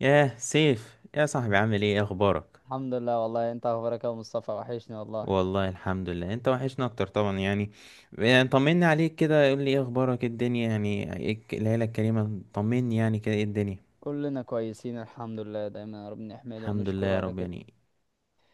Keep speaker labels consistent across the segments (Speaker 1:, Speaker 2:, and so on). Speaker 1: ياه سيف، يا صاحبي، عامل ايه؟ اخبارك؟
Speaker 2: الحمد لله، والله انت اخبارك يا أبو مصطفى؟ وحشني والله.
Speaker 1: والله الحمد لله، انت وحشنا اكتر طبعا يعني طمني عليك كده، قول لي ايه اخبارك، إيه الدنيا، يعني ايه العيله الكريمه، طمني يعني كده ايه الدنيا.
Speaker 2: كلنا كويسين الحمد لله، دايما ربنا يحمده
Speaker 1: الحمد لله
Speaker 2: ونشكره
Speaker 1: يا
Speaker 2: على
Speaker 1: رب
Speaker 2: كده.
Speaker 1: يعني،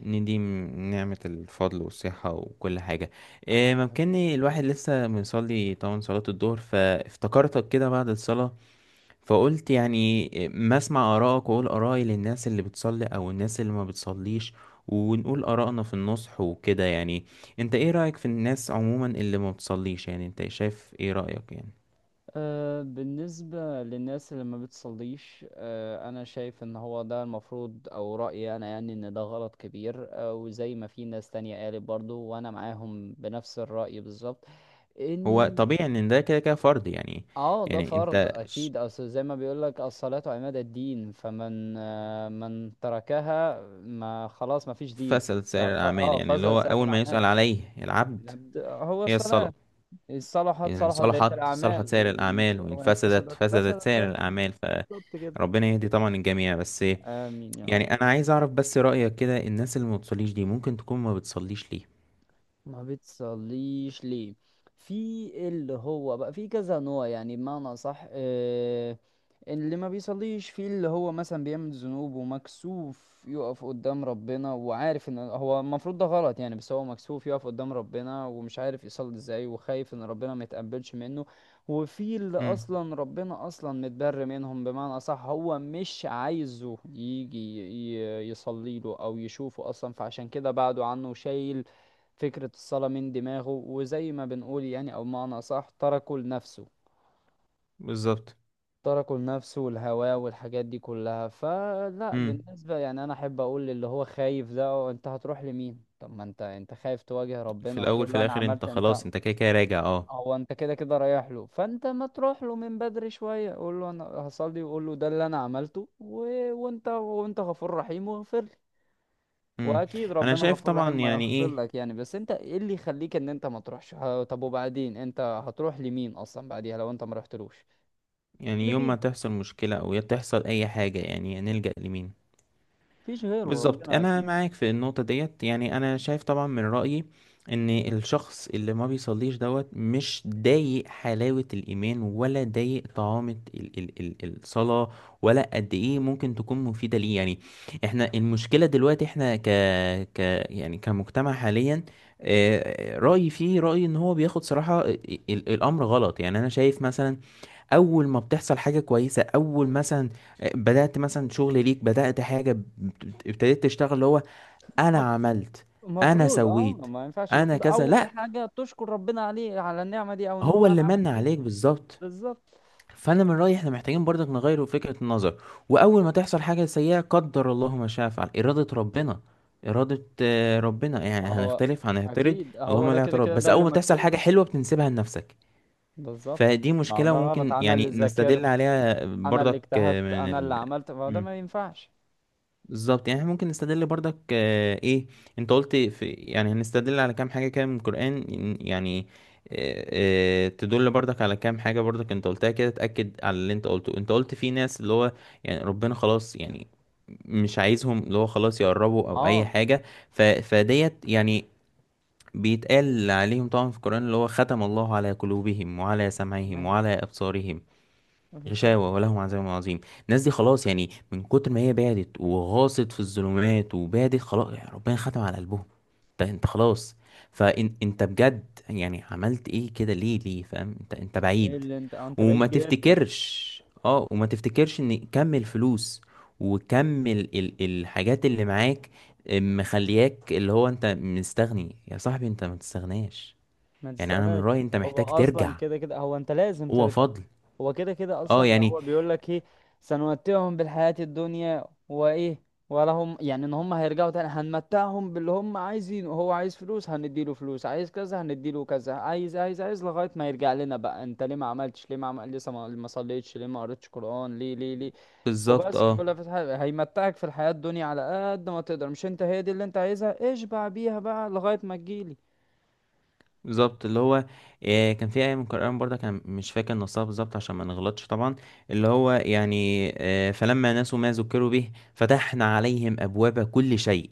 Speaker 1: نديم نعمه الفضل والصحه وكل حاجه. إيه ممكنني الواحد لسه مصلي طبعا صلاه الظهر، فافتكرتك كده بعد الصلاه، فقلت يعني ما اسمع آرائك وأقول آرائي للناس اللي بتصلي أو الناس اللي ما بتصليش، ونقول آرائنا في النصح وكده يعني. انت ايه رأيك في الناس عموما اللي ما بتصليش؟ يعني انت شايف ايه رأيك يعني؟
Speaker 2: أه، بالنسبة للناس اللي ما بتصليش، أه انا شايف ان هو ده المفروض او رأيي انا يعني ان ده غلط كبير، أه وزي ما في ناس تانية قالت برضو وانا معاهم بنفس الرأي بالظبط.
Speaker 1: هو
Speaker 2: إن
Speaker 1: طبيعي ان ده كده كده فرض يعني.
Speaker 2: اه ده
Speaker 1: يعني
Speaker 2: فرض اكيد، اصل زي ما بيقول لك الصلاة عماد الدين، فمن آه، من تركها ما خلاص ما فيش دين.
Speaker 1: فسد سائر الأعمال، يعني اللي
Speaker 2: فزع
Speaker 1: هو
Speaker 2: سائر
Speaker 1: أول ما
Speaker 2: الاعمال
Speaker 1: يسأل عليه العبد
Speaker 2: العبد هو
Speaker 1: هي الصلاة.
Speaker 2: الصلاة. إن صلحت
Speaker 1: إن
Speaker 2: صلحت بقية
Speaker 1: صلحت صلحت
Speaker 2: الاعمال،
Speaker 1: سائر
Speaker 2: وإن
Speaker 1: الأعمال، وإن
Speaker 2: وإن
Speaker 1: فسدت
Speaker 2: فسدت فسد
Speaker 1: فسدت
Speaker 2: سائر
Speaker 1: سائر
Speaker 2: الاعمال.
Speaker 1: الأعمال.
Speaker 2: بالظبط كده.
Speaker 1: فربنا يهدي طبعا الجميع بس.
Speaker 2: امين يا رب.
Speaker 1: يعني انا عايز اعرف بس رأيك كده، الناس اللي ما بتصليش دي ممكن تكون ما بتصليش ليه؟
Speaker 2: ما بتصليش ليه؟ في اللي هو بقى في كذا نوع يعني، بمعنى صح آه. اللي ما بيصليش في اللي هو مثلا بيعمل ذنوب ومكسوف يقف قدام ربنا وعارف ان هو المفروض ده غلط يعني، بس هو مكسوف يقف قدام ربنا ومش عارف يصلي ازاي وخايف ان ربنا ما يتقبلش منه. وفي اللي
Speaker 1: امم.
Speaker 2: اصلا ربنا اصلا متبر منهم بمعنى صح، هو مش عايزه يجي يصلي له او يشوفه اصلا، فعشان كده بعده عنه شايل فكرة الصلاة من دماغه. وزي ما بنقول يعني أو معنى أصح تركه لنفسه.
Speaker 1: بالظبط.
Speaker 2: تركه لنفسه والهواه والحاجات دي كلها. فلا،
Speaker 1: امم.
Speaker 2: بالنسبة يعني أنا أحب أقول للي هو خايف ده: "أه، أنت هتروح لمين؟ طب ما أنت خايف تواجه
Speaker 1: في
Speaker 2: ربنا
Speaker 1: الاول
Speaker 2: وتقول
Speaker 1: في
Speaker 2: له أنا
Speaker 1: الاخر انت
Speaker 2: عملت أنت
Speaker 1: خلاص،
Speaker 2: أه،
Speaker 1: انت كده كده راجع، اه.
Speaker 2: هو أنت كده كده رايح له، فأنت ما تروح له من بدري شوية؟ قول له أنا هصلي، وقول له ده اللي أنا عملته و... وأنت، وأنت غفور رحيم واغفر لي.
Speaker 1: امم.
Speaker 2: واكيد
Speaker 1: انا
Speaker 2: ربنا
Speaker 1: شايف
Speaker 2: غفور
Speaker 1: طبعا
Speaker 2: رحيم
Speaker 1: يعني
Speaker 2: ويغفر
Speaker 1: ايه،
Speaker 2: لك يعني، بس انت ايه اللي يخليك ان انت ما تروحش طب؟ وبعدين انت هتروح لمين اصلا بعديها لو انت ما رحتلوش؟ هتروح
Speaker 1: يعني يوم ما
Speaker 2: لمين؟
Speaker 1: تحصل مشكلة او يا تحصل اي حاجة يعني نلجأ لمين.
Speaker 2: مفيش غيره
Speaker 1: بالظبط،
Speaker 2: ربنا
Speaker 1: انا
Speaker 2: اكيد.
Speaker 1: معاك في النقطه ديت. يعني انا شايف طبعا من رايي ان الشخص اللي ما بيصليش دوت مش ضايق حلاوه الايمان، ولا ضايق طعامه ال ال ال الصلاه، ولا قد ايه ممكن تكون مفيده ليه يعني. احنا المشكله دلوقتي احنا ك ك يعني كمجتمع حاليا. رايي فيه، رايي ان هو بياخد صراحه الامر غلط. يعني انا شايف مثلا اول ما بتحصل حاجه كويسه، اول مثلا بدات مثلا شغل ليك، بدات حاجه، ابتديت تشتغل، اللي هو انا
Speaker 2: مف-
Speaker 1: عملت، انا
Speaker 2: مفروض اه
Speaker 1: سويت،
Speaker 2: ما ينفعش،
Speaker 1: انا
Speaker 2: المفروض
Speaker 1: كذا،
Speaker 2: اول
Speaker 1: لا.
Speaker 2: حاجه تشكر ربنا عليه على النعمه دي او ان هو
Speaker 1: هو اللي
Speaker 2: انعمك
Speaker 1: من
Speaker 2: بيها.
Speaker 1: عليك بالظبط.
Speaker 2: بالظبط.
Speaker 1: فانا من رايي احنا محتاجين برضك نغير فكره النظر. واول ما تحصل حاجه سيئه قدر الله ما شاء فعل، اراده ربنا، اراده ربنا، يعني
Speaker 2: هو
Speaker 1: هنختلف، هنعترض؟
Speaker 2: اكيد هو
Speaker 1: اللهم
Speaker 2: ده
Speaker 1: لا
Speaker 2: كده
Speaker 1: اعتراض.
Speaker 2: كده
Speaker 1: بس
Speaker 2: ده
Speaker 1: اول
Speaker 2: اللي
Speaker 1: ما تحصل
Speaker 2: مكتوب.
Speaker 1: حاجه حلوه بتنسبها لنفسك.
Speaker 2: بالظبط،
Speaker 1: فدي
Speaker 2: ما هو
Speaker 1: مشكله،
Speaker 2: ده غلط.
Speaker 1: وممكن
Speaker 2: انا اللي
Speaker 1: يعني
Speaker 2: ذاكرت،
Speaker 1: نستدل عليها
Speaker 2: انا اللي
Speaker 1: برضك
Speaker 2: اجتهدت،
Speaker 1: من
Speaker 2: انا اللي
Speaker 1: ال...
Speaker 2: عملت. ما هو ده ما ينفعش.
Speaker 1: بالظبط. يعني احنا ممكن نستدل برضك ايه، انت قلت في يعني هنستدل على كام حاجة كده من القرآن، يعني آه، تدل برضك على كام حاجة برضك، انت قلتها كده تأكد على اللي انت قلته. انت قلت في ناس اللي هو يعني ربنا خلاص يعني مش عايزهم، اللي هو خلاص يقربوا او اي
Speaker 2: اه
Speaker 1: حاجة. فديت يعني، بيتقال عليهم طبعا في القرآن اللي هو ختم الله على قلوبهم وعلى سمعهم
Speaker 2: ما
Speaker 1: وعلى أبصارهم
Speaker 2: ما فيش شيء.
Speaker 1: غشاوة ولهم عذاب عظيم. الناس دي خلاص يعني من كتر ما هي بعدت وغاصت في الظلمات وبعدت، خلاص يعني ربنا ختم على قلبهم. انت انت خلاص. فانت بجد يعني عملت ايه كده؟ ليه ليه؟ فاهم؟ انت انت
Speaker 2: ايه
Speaker 1: بعيد.
Speaker 2: اللي انت اه انت
Speaker 1: وما
Speaker 2: بعيد جدا.
Speaker 1: تفتكرش، اه، وما تفتكرش ان كم الفلوس وكم ال ال الحاجات اللي معاك مخلياك اللي هو انت مستغني. يا صاحبي، انت ما تستغناش.
Speaker 2: ما
Speaker 1: يعني انا من
Speaker 2: تستغناش.
Speaker 1: رأيي انت
Speaker 2: هو
Speaker 1: محتاج
Speaker 2: اصلا
Speaker 1: ترجع.
Speaker 2: كده كده، هو انت لازم
Speaker 1: هو
Speaker 2: ترجع.
Speaker 1: فضل،
Speaker 2: هو كده كده
Speaker 1: اه،
Speaker 2: اصلا ده
Speaker 1: يعني
Speaker 2: هو بيقول لك ايه؟ سنمتعهم بالحياة الدنيا وايه، ولا هم يعني، ان هم هيرجعوا تاني هنمتعهم باللي هم عايزينه. هو عايز فلوس هنديله فلوس، عايز كذا هنديله كذا، عايز عايز عايز لغاية ما يرجع لنا. بقى انت ليه ما عملتش؟ ليه ما عمل لسه، ما صليتش ليه؟ ما قريتش قرآن ليه؟ ليه ليه؟
Speaker 1: بالظبط،
Speaker 2: وبس في
Speaker 1: اه،
Speaker 2: كل فتحة هيمتعك في الحياة الدنيا على قد ما تقدر، مش انت هي دي اللي انت عايزها؟ اشبع بيها بقى لغاية ما تجيلي.
Speaker 1: بالظبط. اللي هو كان في آية من القرآن برضه، كان مش فاكر نصها بالظبط عشان ما نغلطش طبعا. اللي هو يعني فلما نسوا ما ذكروا به فتحنا عليهم أبواب كل شيء.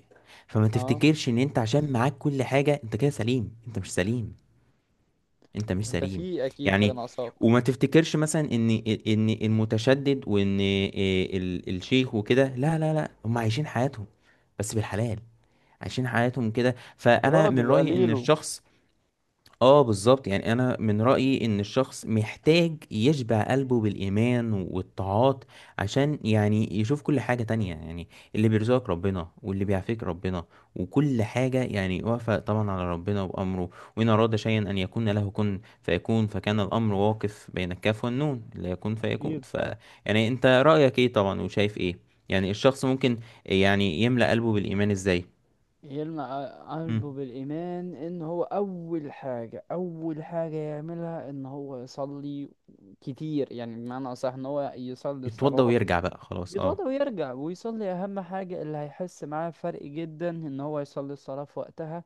Speaker 1: فما
Speaker 2: اه
Speaker 1: تفتكرش إن أنت عشان معاك كل حاجة أنت كده سليم. أنت مش سليم. أنت مش
Speaker 2: انت
Speaker 1: سليم.
Speaker 2: في اكيد حاجة
Speaker 1: يعني
Speaker 2: ناقصاك.
Speaker 1: وما تفتكرش مثلا إن إن المتشدد وإن الشيخ وكده، لا لا لا، هم عايشين حياتهم، بس بالحلال. عايشين حياتهم كده. فأنا
Speaker 2: راضي
Speaker 1: من
Speaker 2: بقى
Speaker 1: رأيي إن
Speaker 2: ليلو.
Speaker 1: الشخص، اه بالظبط. يعني انا من رأيي ان الشخص محتاج يشبع قلبه بالايمان والطاعات، عشان يعني يشوف كل حاجة تانية يعني اللي بيرزقك ربنا، واللي بيعافيك ربنا، وكل حاجة يعني واقفة طبعا على ربنا وامره. وان اراد شيئا ان يكون له كن فيكون، فكان الامر واقف بين الكاف والنون، لا يكون فيكون،
Speaker 2: اكيد
Speaker 1: يعني انت رأيك ايه طبعا، وشايف ايه يعني الشخص ممكن يعني يملأ قلبه بالايمان ازاي؟
Speaker 2: يلمع
Speaker 1: مم.
Speaker 2: قلبه بالإيمان. إن هو أول حاجة يعملها إن هو يصلي كتير يعني، بمعنى أصح إن هو يصلي
Speaker 1: يتوضى
Speaker 2: الصلوات.
Speaker 1: ويرجع بقى، خلاص، اه.
Speaker 2: يتوضى ويرجع ويصلي. أهم حاجة اللي هيحس معاه فرق جدا إن هو يصلي الصلاة في وقتها،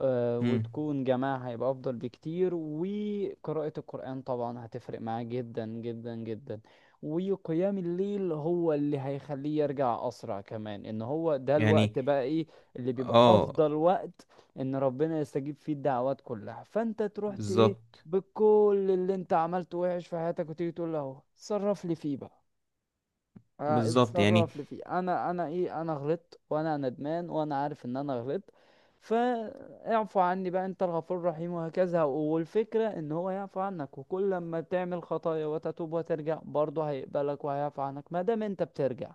Speaker 2: آه،
Speaker 1: مم.
Speaker 2: وتكون جماعة هيبقى أفضل بكتير. وقراءة القرآن طبعا هتفرق معاه جدا جدا جدا. وقيام الليل هو اللي هيخليه يرجع أسرع كمان، إن هو ده
Speaker 1: يعني
Speaker 2: الوقت بقى إيه اللي بيبقى
Speaker 1: اه
Speaker 2: أفضل وقت إن ربنا يستجيب فيه الدعوات كلها. فأنت تروح إيه
Speaker 1: بالظبط،
Speaker 2: بكل اللي أنت عملته وحش في حياتك، وتيجي تقول له اهو، صرف لي فيه بقى.
Speaker 1: بالظبط يعني.
Speaker 2: اتصرف لي فيه، انا انا ايه انا غلطت وانا ندمان وانا عارف ان انا غلطت. فاعفو عني بقى انت الغفور الرحيم وهكذا. والفكرة ان هو يعفو عنك، وكل لما تعمل خطايا وتتوب وترجع برضه هيقبلك وهيعفو عنك ما دام انت بترجع.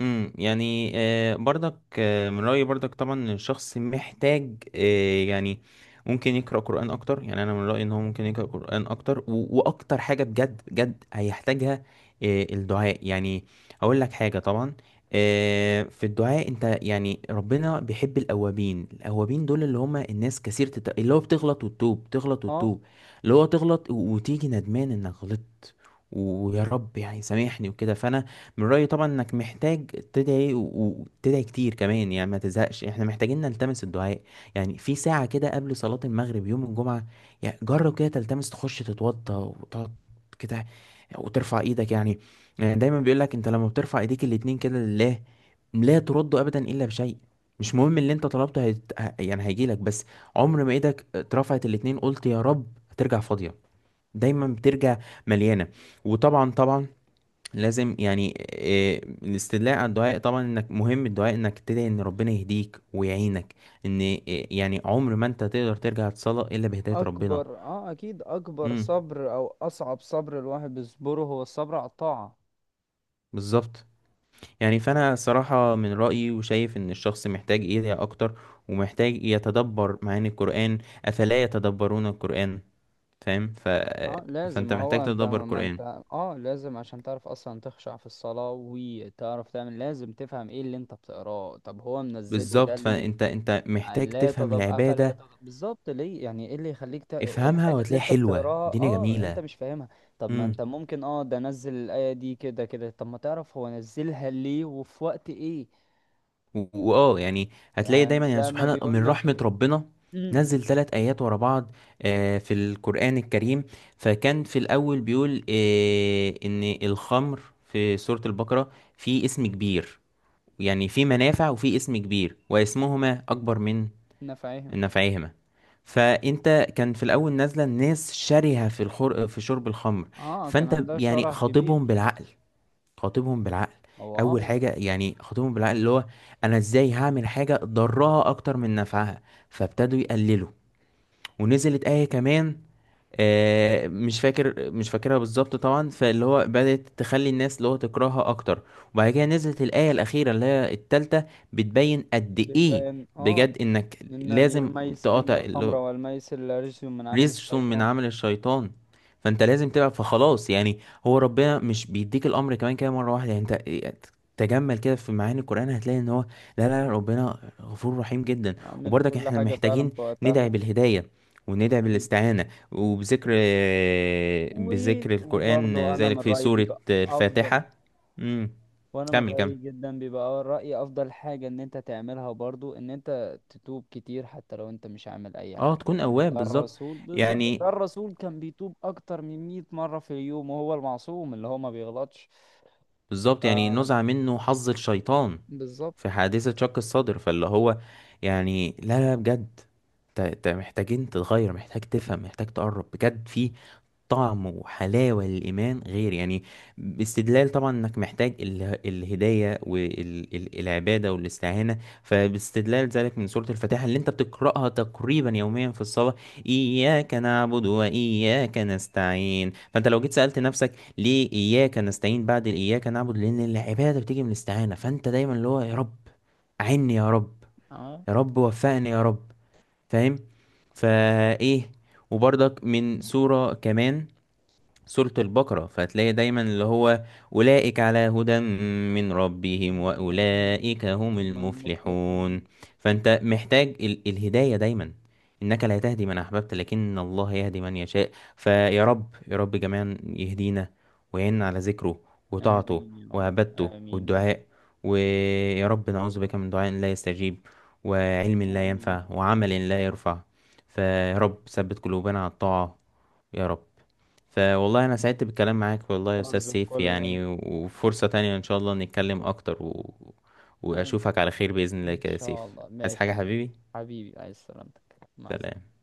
Speaker 1: يعني برضك من رأيي برضك طبعا إن الشخص محتاج، يعني ممكن يقرأ قرآن أكتر. يعني أنا من رأيي إن هو ممكن يقرأ قرآن أكتر، وأكتر حاجة بجد بجد هيحتاجها الدعاء. يعني أقول لك حاجة طبعا، في الدعاء أنت يعني ربنا بيحب الأوابين. الأوابين دول اللي هم الناس كثير اللي هو بتغلط وتتوب، تغلط
Speaker 2: اه
Speaker 1: وتتوب، اللي هو تغلط وتيجي ندمان إنك غلطت، ويا رب يعني سامحني وكده. فأنا من رأيي طبعا انك محتاج تدعي، وتدعي كتير كمان، يعني ما تزهقش. احنا محتاجين نلتمس الدعاء، يعني في ساعة كده قبل صلاة المغرب يوم الجمعة. يعني جرب كده تلتمس، تخش تتوضى وتقعد كده، وترفع ايدك يعني. يعني دايما بيقولك انت لما بترفع ايديك الاتنين كده لله، لا ترد ابدا الا بشيء. مش مهم اللي انت طلبته يعني هيجيلك، بس عمر ما ايدك اترفعت الاتنين قلت يا رب هترجع فاضية. دايما بترجع مليانة. وطبعا طبعا لازم يعني الاستدلاء على الدعاء طبعا، انك مهم الدعاء انك تدعي ان ربنا يهديك ويعينك، ان يعني عمر ما انت تقدر ترجع تصلى الا بهداية ربنا.
Speaker 2: اكبر، اه اكيد اكبر
Speaker 1: امم.
Speaker 2: صبر او اصعب صبر الواحد بيصبره هو الصبر على الطاعة.
Speaker 1: بالظبط. يعني فانا صراحة من رأيي وشايف ان الشخص محتاج يدعي اكتر، ومحتاج يتدبر معاني القرآن. افلا يتدبرون القرآن. فاهم؟ ف... آه،
Speaker 2: اه لازم،
Speaker 1: فانت
Speaker 2: ما
Speaker 1: محتاج
Speaker 2: هو انت
Speaker 1: تتدبر
Speaker 2: ما انت
Speaker 1: القرآن.
Speaker 2: اه لازم عشان تعرف اصلا تخشع في الصلاة وتعرف تعمل، لازم تفهم ايه اللي انت بتقراه. طب هو منزله ده
Speaker 1: بالظبط،
Speaker 2: ليه؟
Speaker 1: فانت انت محتاج
Speaker 2: لا
Speaker 1: تفهم
Speaker 2: تضب افلا
Speaker 1: العبادة.
Speaker 2: تضب بالظبط، ليه؟ يعني ايه اللي يخليك
Speaker 1: افهمها
Speaker 2: الحاجة اللي
Speaker 1: وهتلاقيها
Speaker 2: انت
Speaker 1: حلوة،
Speaker 2: بتقراها
Speaker 1: الدنيا
Speaker 2: اه انت
Speaker 1: جميلة.
Speaker 2: مش فاهمها؟ طب ما انت ممكن اه ده نزل الآية دي كده كده، طب ما تعرف هو نزلها ليه وفي وقت ايه.
Speaker 1: و- واه يعني هتلاقي
Speaker 2: يعني
Speaker 1: دايما يعني
Speaker 2: زي ما
Speaker 1: سبحان الله
Speaker 2: بيقول
Speaker 1: من
Speaker 2: لك
Speaker 1: رحمة ربنا نزل ثلاث آيات ورا بعض في القرآن الكريم. فكان في الأول بيقول إن الخمر، في سورة البقرة، في اسم كبير، يعني في منافع وفي اسم كبير، واسمهما أكبر من
Speaker 2: انا فاهم.
Speaker 1: نفعهما. فأنت كان في الأول نازلة، الناس شرهة في في شرب الخمر،
Speaker 2: اه كان
Speaker 1: فأنت
Speaker 2: عندها
Speaker 1: يعني
Speaker 2: شرح كبير.
Speaker 1: خاطبهم بالعقل، خاطبهم بالعقل.
Speaker 2: هو
Speaker 1: اول
Speaker 2: اه
Speaker 1: حاجه يعني خاطبهم بالعقل اللي هو انا ازاي هعمل حاجه ضرها اكتر من نفعها؟ فابتدوا يقللوا، ونزلت ايه كمان، مش فاكر، مش فاكرها بالظبط طبعا، فاللي هو بدأت تخلي الناس اللي هو تكرهها اكتر. وبعد كده نزلت الآية الأخيرة اللي هي التالتة، بتبين قد ايه
Speaker 2: بيبان اه
Speaker 1: بجد انك لازم تقاطع.
Speaker 2: إن الخمر والميسر رجس من عمل
Speaker 1: رزق من
Speaker 2: الشيطان.
Speaker 1: عمل الشيطان. فانت لازم تبقى، فخلاص يعني، هو ربنا مش بيديك الامر كمان كده مره واحده. يعني انت تجمل كده في معاني القران هتلاقي ان هو لا لا لا، ربنا غفور رحيم جدا.
Speaker 2: عامل
Speaker 1: وبرضك
Speaker 2: كل
Speaker 1: احنا
Speaker 2: حاجة فعلا
Speaker 1: محتاجين
Speaker 2: في
Speaker 1: ندعي
Speaker 2: وقتها.
Speaker 1: بالهدايه، وندعي
Speaker 2: أكيد.
Speaker 1: بالاستعانه، وبذكر،
Speaker 2: و...
Speaker 1: بذكر القران،
Speaker 2: وبرضه أنا من
Speaker 1: ذلك في
Speaker 2: رأيي
Speaker 1: سوره
Speaker 2: بيبقى أفضل.
Speaker 1: الفاتحه. امم.
Speaker 2: وأنا من
Speaker 1: كمل كمل،
Speaker 2: رأيي جدا بيبقى رأيي أفضل حاجة إن أنت تعملها برضه إن أنت تتوب كتير حتى لو أنت مش عامل أي
Speaker 1: اه،
Speaker 2: حاجة.
Speaker 1: تكون
Speaker 2: يعني
Speaker 1: اواب
Speaker 2: ده
Speaker 1: بالظبط.
Speaker 2: الرسول بالظبط، ده
Speaker 1: يعني
Speaker 2: الرسول كان بيتوب أكتر من 100 مرة في اليوم وهو المعصوم اللي هو ما بيغلطش.
Speaker 1: بالظبط يعني نزع
Speaker 2: ف-
Speaker 1: منه حظ الشيطان
Speaker 2: بالظبط.
Speaker 1: في حادثة شق الصدر. فاللي هو يعني لا لا بجد، انت انت محتاجين تتغير، محتاج تفهم، محتاج تقرب بجد، في طعم وحلاوة للإيمان غير يعني. باستدلال طبعا إنك محتاج الهداية والعبادة والاستعانة. فباستدلال ذلك من سورة الفاتحة اللي أنت بتقرأها تقريبا يوميا في الصلاة، إياك نعبد وإياك نستعين. فأنت لو جيت سألت نفسك ليه إياك نستعين بعد الإياك نعبد؟ لأن العبادة بتيجي من الاستعانة. فأنت دايما اللي هو يا رب أعني، يا رب،
Speaker 2: اه
Speaker 1: يا رب وفقني يا رب. فاهم؟ فإيه، وبرضك من سورة كمان، سورة البقرة، فهتلاقي دايما اللي هو أولئك على هدى من ربهم
Speaker 2: هم
Speaker 1: وأولئك هم
Speaker 2: المفلحون.
Speaker 1: المفلحون. فأنت محتاج الهداية دايما. إنك لا تهدي من أحببت لكن الله يهدي من يشاء. فيا رب، يا رب جميعا يهدينا ويعيننا على ذكره وطاعته
Speaker 2: آمين يا رب.
Speaker 1: وعبادته
Speaker 2: آمين يا
Speaker 1: والدعاء.
Speaker 2: رب.
Speaker 1: ويا رب نعوذ بك من دعاء لا يستجيب، وعلم لا
Speaker 2: آمين.
Speaker 1: ينفع،
Speaker 2: آمين.
Speaker 1: وعمل لا يرفع. فيا رب ثبت قلوبنا على الطاعة يا رب. فوالله أنا سعدت بالكلام معاك والله يا أستاذ
Speaker 2: وارزق
Speaker 1: سيف،
Speaker 2: كل.
Speaker 1: يعني وفرصة تانية إن شاء الله نتكلم أكتر،
Speaker 2: آمين.
Speaker 1: وأشوفك على خير بإذن الله
Speaker 2: إن
Speaker 1: كده يا
Speaker 2: شاء
Speaker 1: سيف.
Speaker 2: الله
Speaker 1: عايز
Speaker 2: ماشي.
Speaker 1: حاجة حبيبي؟
Speaker 2: حبيبي عايز سلامتك، مع السلامة.
Speaker 1: سلام.